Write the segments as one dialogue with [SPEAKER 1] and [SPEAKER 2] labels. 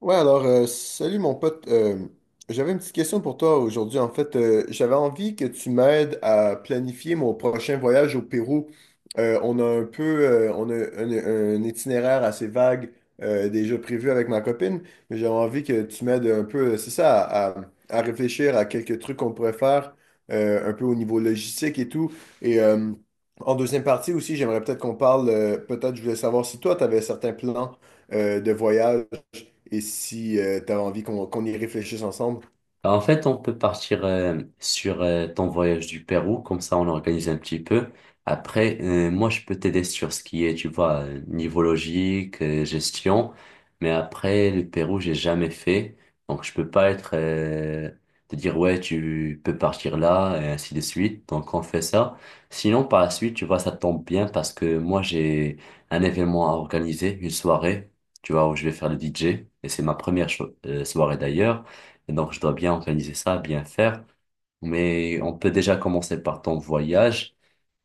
[SPEAKER 1] Ouais, alors, salut mon pote. J'avais une petite question pour toi aujourd'hui. En fait, j'avais envie que tu m'aides à planifier mon prochain voyage au Pérou. Euh, on a un peu, on a un itinéraire assez vague déjà prévu avec ma copine, mais j'avais envie que tu m'aides un peu, c'est ça, à réfléchir à quelques trucs qu'on pourrait faire un peu au niveau logistique et tout. Et en deuxième partie aussi, j'aimerais peut-être qu'on parle, peut-être je voulais savoir si toi, tu avais certains plans de voyage et si tu as envie qu'on y réfléchisse ensemble.
[SPEAKER 2] Bah, en fait, on peut partir sur ton voyage du Pérou, comme ça on organise un petit peu. Après, moi je peux t'aider sur ce qui est, tu vois, niveau logique, gestion. Mais après, le Pérou, j'ai jamais fait. Donc je peux pas être te dire ouais, tu peux partir là et ainsi de suite. Donc on fait ça. Sinon, par la suite, tu vois, ça tombe bien parce que moi j'ai un événement à organiser, une soirée, tu vois, où je vais faire le DJ. Et c'est ma première soirée d'ailleurs. Et donc, je dois bien organiser ça, bien faire. Mais on peut déjà commencer par ton voyage.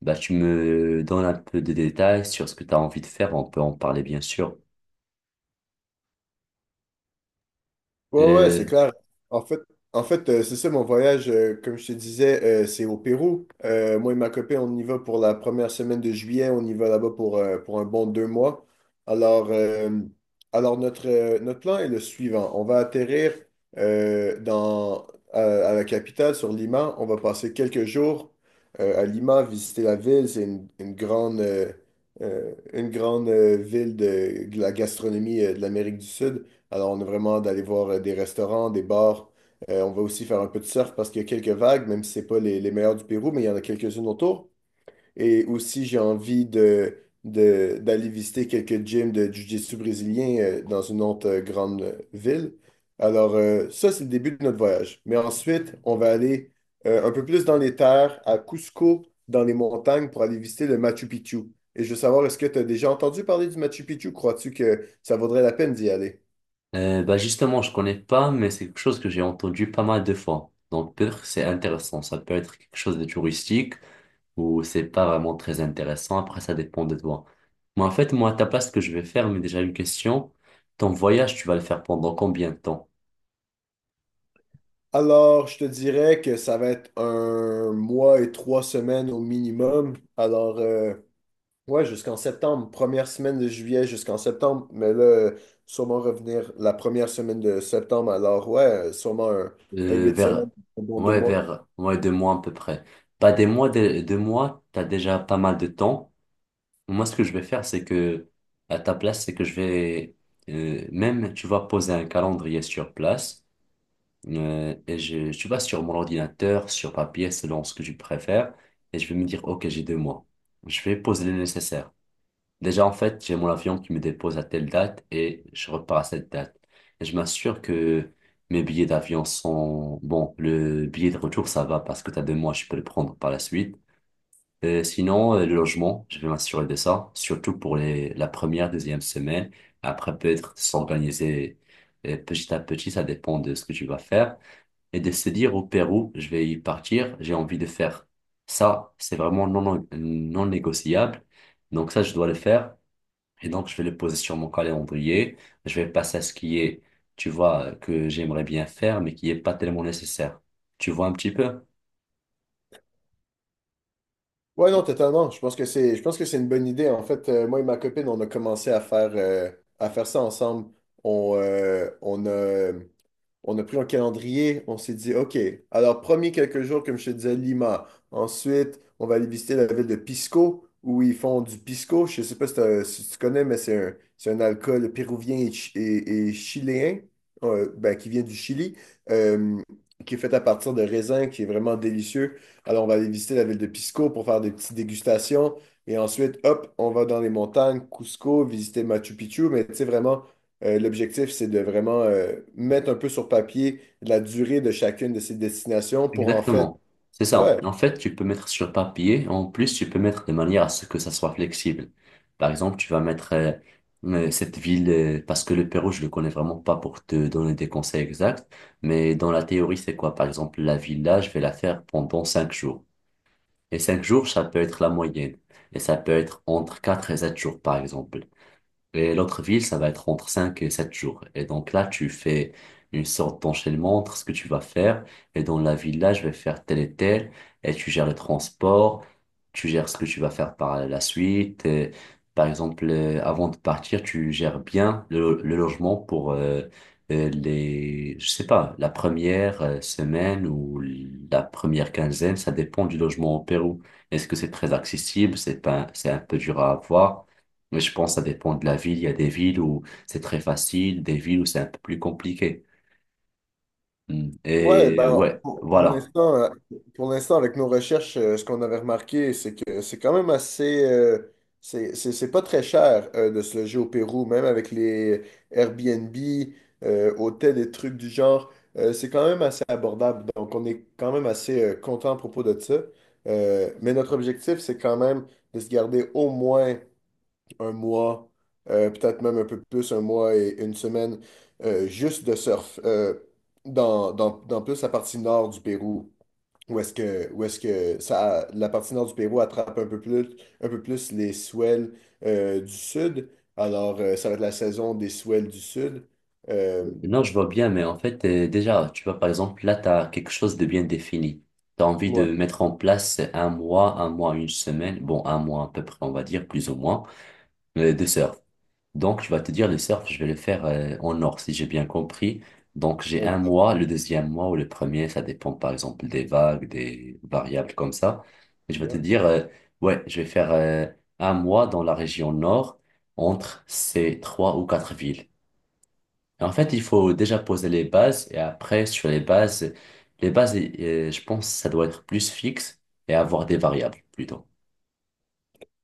[SPEAKER 2] Bah, tu me donnes un peu de détails sur ce que tu as envie de faire. On peut en parler, bien sûr.
[SPEAKER 1] Ouais, ouais, c'est
[SPEAKER 2] Euh,
[SPEAKER 1] clair. En fait, en fait C'est ça mon voyage, comme je te disais, c'est au Pérou. Moi et ma copine, on y va pour la première semaine de juillet. On y va là-bas pour un bon deux mois. Alors, euh, alors notre, notre plan est le suivant. On va atterrir euh, dans, à la capitale, sur Lima. On va passer quelques jours à Lima, visiter la ville. C'est une grande, une grande ville de la gastronomie de l'Amérique du Sud. Alors, on a vraiment d'aller voir des restaurants, des bars. On va aussi faire un peu de surf parce qu'il y a quelques vagues, même si c'est pas les meilleures du Pérou, mais il y en a quelques-unes autour. Et aussi, j'ai envie d'aller visiter quelques gyms de jiu-jitsu brésilien dans une autre grande ville. Alors, ça, c'est le début de notre voyage. Mais ensuite, on va aller un peu plus dans les terres, à Cusco, dans les montagnes, pour aller visiter le Machu Picchu. Et je veux savoir, est-ce que tu as déjà entendu parler du Machu Picchu? Crois-tu que ça vaudrait la peine d'y aller?
[SPEAKER 2] bah justement, je connais pas, mais c'est quelque chose que j'ai entendu pas mal de fois. Donc peut-être que c'est intéressant. Ça peut être quelque chose de touristique ou c'est pas vraiment très intéressant. Après, ça dépend de toi. Mais en fait, moi, à ta place, ce que je vais faire, mais déjà une question. Ton voyage, tu vas le faire pendant combien de temps?
[SPEAKER 1] Alors, je te dirais que ça va être un mois et trois semaines au minimum. Alors, ouais, jusqu'en septembre, première semaine de juillet jusqu'en septembre, mais là, sûrement revenir la première semaine de septembre. Alors, ouais, sûrement un
[SPEAKER 2] Euh,
[SPEAKER 1] huit
[SPEAKER 2] vers,
[SPEAKER 1] semaines, un bon deux
[SPEAKER 2] ouais,
[SPEAKER 1] mois.
[SPEAKER 2] ouais, 2 mois à peu près. Pas des mois, deux mois, t'as déjà pas mal de temps. Moi, ce que je vais faire, c'est que, à ta place, c'est que je vais, même, tu vas poser un calendrier sur place, et je, tu vas sur mon ordinateur, sur papier, selon ce que tu préfères, et je vais me dire, OK, j'ai 2 mois. Je vais poser le nécessaire. Déjà, en fait, j'ai mon avion qui me dépose à telle date et je repars à cette date. Et je m'assure que mes billets d'avion sont... Bon, le billet de retour, ça va parce que t'as 2 mois, je peux le prendre par la suite. Sinon, le logement, je vais m'assurer de ça, surtout pour les... la première, deuxième semaine. Après, peut-être s'organiser petit à petit, ça dépend de ce que tu vas faire. Et de se dire, au Pérou, je vais y partir, j'ai envie de faire ça. C'est vraiment non, non non négociable. Donc ça, je dois le faire. Et donc, je vais le poser sur mon calendrier. Je vais passer à ce qui est, tu vois, que j'aimerais bien faire, mais qui est pas tellement nécessaire. Tu vois un petit peu?
[SPEAKER 1] Ouais, non, totalement. Je pense que c'est, je pense que c'est une bonne idée. En fait, moi et ma copine, on a commencé à faire ça ensemble. On, euh, on a, on a pris un calendrier. On s'est dit, OK, alors, premier quelques jours, comme je te disais, Lima. Ensuite, on va aller visiter la ville de Pisco, où ils font du pisco. Je sais pas si, t'as- si tu connais, mais c'est un alcool péruvien et chiléen, ben, qui vient du Chili, euh, qui est fait à partir de raisins, qui est vraiment délicieux. Alors, on va aller visiter la ville de Pisco pour faire des petites dégustations. Et ensuite, hop, on va dans les montagnes, Cusco, visiter Machu Picchu. Mais tu sais, vraiment, l'objectif, c'est de vraiment mettre un peu sur papier la durée de chacune de ces destinations pour en fait,
[SPEAKER 2] Exactement. C'est ça.
[SPEAKER 1] ouais.
[SPEAKER 2] En fait, tu peux mettre sur papier. En plus, tu peux mettre de manière à ce que ça soit flexible. Par exemple, tu vas mettre cette ville, parce que le Pérou, je le connais vraiment pas pour te donner des conseils exacts. Mais dans la théorie, c'est quoi? Par exemple, la ville là, je vais la faire pendant 5 jours. Et 5 jours, ça peut être la moyenne. Et ça peut être entre 4 et 7 jours, par exemple. Et l'autre ville, ça va être entre 5 et 7 jours. Et donc là, tu fais une sorte d'enchaînement entre ce que tu vas faire. Et dans la ville, là, je vais faire tel et tel. Et tu gères le transport. Tu gères ce que tu vas faire par la suite. Et par exemple, avant de partir, tu gères bien le logement pour les, je sais pas, la première semaine ou la première quinzaine. Ça dépend du logement au Pérou. Est-ce que c'est très accessible? C'est pas, c'est un peu dur à avoir. Mais je pense que ça dépend de la ville. Il y a des villes où c'est très facile, des villes où c'est un peu plus compliqué. Mm.
[SPEAKER 1] Ouais,
[SPEAKER 2] Et
[SPEAKER 1] ben,
[SPEAKER 2] ouais, voilà.
[SPEAKER 1] pour l'instant, avec nos recherches, ce qu'on avait remarqué, c'est que c'est quand même assez. C'est pas très cher de se loger au Pérou, même avec les Airbnb, hôtels et trucs du genre. C'est quand même assez abordable. Donc, on est quand même assez content à propos de ça. Mais notre objectif, c'est quand même de se garder au moins un mois, peut-être même un peu plus, un mois et une semaine, juste de surf, dans plus la partie nord du Pérou, où où est-ce que ça, la partie nord du Pérou attrape un peu plus les swells du sud. Alors, ça va être la saison des swells du sud. Euh,
[SPEAKER 2] Non, je vois bien, mais en fait, déjà, tu vois, par exemple, là, tu as quelque chose de bien défini. Tu as envie
[SPEAKER 1] ouais,
[SPEAKER 2] de mettre en place un mois, une semaine, bon, un mois à peu près, on va dire, plus ou moins, de surf. Donc, je vais te dire, le surf, je vais le faire en nord, si j'ai bien compris. Donc, j'ai un
[SPEAKER 1] exact.
[SPEAKER 2] mois, le deuxième mois ou le premier, ça dépend par exemple des vagues, des variables comme ça. Et je vais te dire, ouais, je vais faire un mois dans la région nord, entre ces trois ou quatre villes. Et en fait, il faut déjà poser les bases et après, sur les bases, je pense, ça doit être plus fixe et avoir des variables plutôt.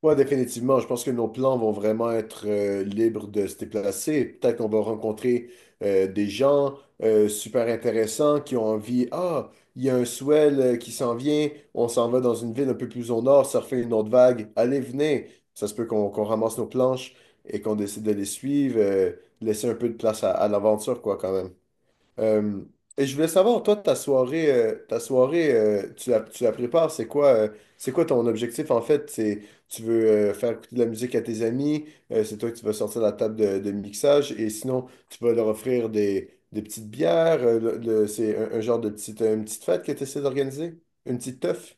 [SPEAKER 1] Ouais, définitivement. Je pense que nos plans vont vraiment être libres de se déplacer. Peut-être qu'on va rencontrer des gens super intéressants qui ont envie. Ah, il y a un swell qui s'en vient. On s'en va dans une ville un peu plus au nord, surfer une autre vague. Allez, venez. Ça se peut qu'on ramasse nos planches et qu'on décide de les suivre. Laisser un peu de place à l'aventure, quoi, quand même. Euh, et je voulais savoir, toi, ta soirée, tu la prépares, c'est quoi ton objectif en fait? C'est, tu veux faire écouter de la musique à tes amis, c'est toi qui vas sortir la table de mixage, et sinon, tu vas leur offrir des petites bières, c'est un genre de petite, une petite fête que tu essaies d'organiser? Une petite teuf?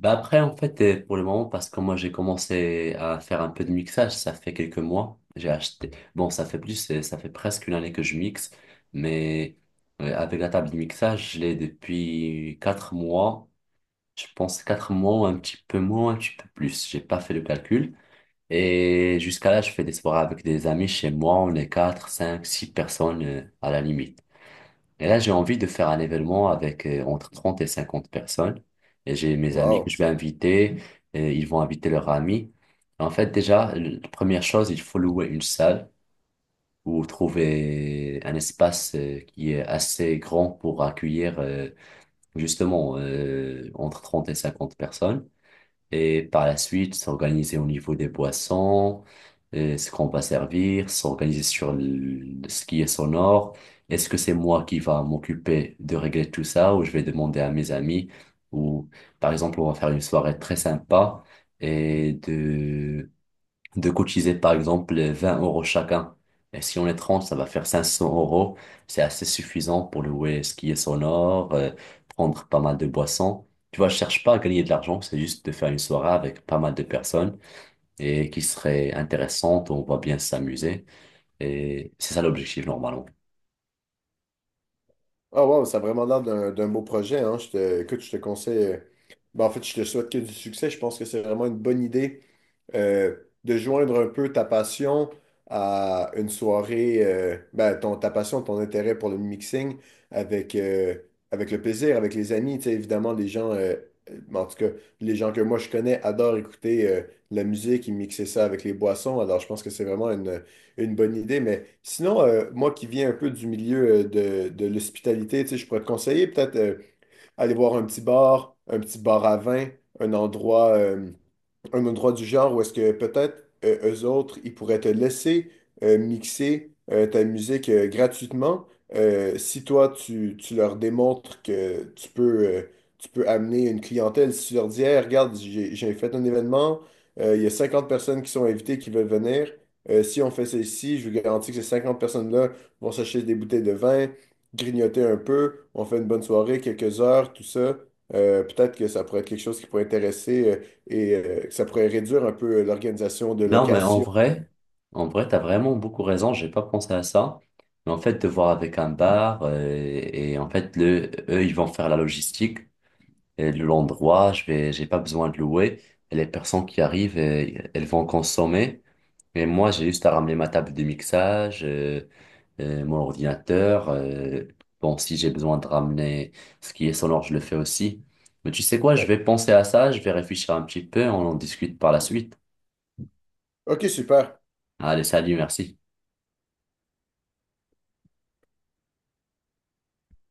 [SPEAKER 2] Bah après, en fait, pour le moment, parce que moi, j'ai commencé à faire un peu de mixage, ça fait quelques mois. J'ai acheté. Bon, ça fait plus, ça fait presque une année que je mixe, mais avec la table de mixage, je l'ai depuis 4 mois. Je pense 4 mois, ou un petit peu moins, un petit peu plus. J'ai pas fait le calcul. Et jusqu'à là, je fais des soirées avec des amis chez moi. On est quatre, cinq, six personnes à la limite. Et là, j'ai envie de faire un événement avec entre 30 et 50 personnes. Et j'ai mes amis que
[SPEAKER 1] Wow!
[SPEAKER 2] je vais inviter, et ils vont inviter leurs amis. En fait, déjà, la première chose, il faut louer une salle ou trouver un espace qui est assez grand pour accueillir justement entre 30 et 50 personnes. Et par la suite, s'organiser au niveau des boissons, ce qu'on va servir, s'organiser sur le- ce qui est sonore. Est-ce que c'est moi qui va m'occuper de régler tout ça ou je vais demander à mes amis ou par exemple, on va faire une soirée très sympa et de cotiser par exemple 20 € chacun. Et si on est 30 ça va faire 500 euros. C'est assez suffisant pour louer ce qui est sonore, prendre pas mal de boissons. Tu vois, je cherche pas à gagner de l'argent, c'est juste de faire une soirée avec pas mal de personnes et qui serait intéressante, où on va bien s'amuser. Et c'est ça l'objectif normalement.
[SPEAKER 1] Ah wow, ça a vraiment l'air d'un beau projet, hein. Je te, écoute, je te conseille. Ben, en fait, je te souhaite que du succès. Je pense que c'est vraiment une bonne idée euh, de joindre un peu ta passion à une soirée, ben, ta passion, ton intérêt pour le mixing avec, avec le plaisir, avec les amis. Tu sais, évidemment, les gens, en tout cas, les gens que moi je connais adorent écouter la musique et mixer ça avec les boissons. Alors, je pense que c'est vraiment une bonne idée, mais sinon, moi qui viens un peu du milieu de l'hospitalité, tu sais, je pourrais te conseiller peut-être aller voir un petit bar à vin, un endroit, euh, un endroit du genre où est-ce que peut-être eux autres, ils pourraient te laisser mixer ta musique gratuitement si toi, tu leur démontres que tu peux amener une clientèle. Si tu leur dis, Hey, regarde, j'ai fait un événement, il y a 50 personnes qui sont invitées qui veulent venir. Si on fait ceci, je vous garantis que ces 50 personnes-là vont s'acheter des bouteilles de vin, grignoter un peu, on fait une bonne soirée, quelques heures, tout ça. Peut-être que ça pourrait être quelque chose qui pourrait intéresser. Et ça pourrait réduire un peu l'organisation de
[SPEAKER 2] Non, mais
[SPEAKER 1] location.
[SPEAKER 2] en vrai, t'as vraiment beaucoup raison, j'ai pas pensé à ça. Mais en fait, de voir avec un bar, et en fait, le, eux, ils vont faire la logistique. Et le- l'endroit, je vais, j'ai pas besoin de louer. Et les personnes qui arrivent, elles vont consommer. Et moi, j'ai juste à ramener ma table de mixage, mon ordinateur. Bon, si j'ai besoin de ramener ce qui est sonore, je le fais aussi. Mais tu sais quoi, je
[SPEAKER 1] Exact.
[SPEAKER 2] vais penser à ça, je vais réfléchir un petit peu, on en discute par la suite.
[SPEAKER 1] OK, super.
[SPEAKER 2] Allez, salut, merci.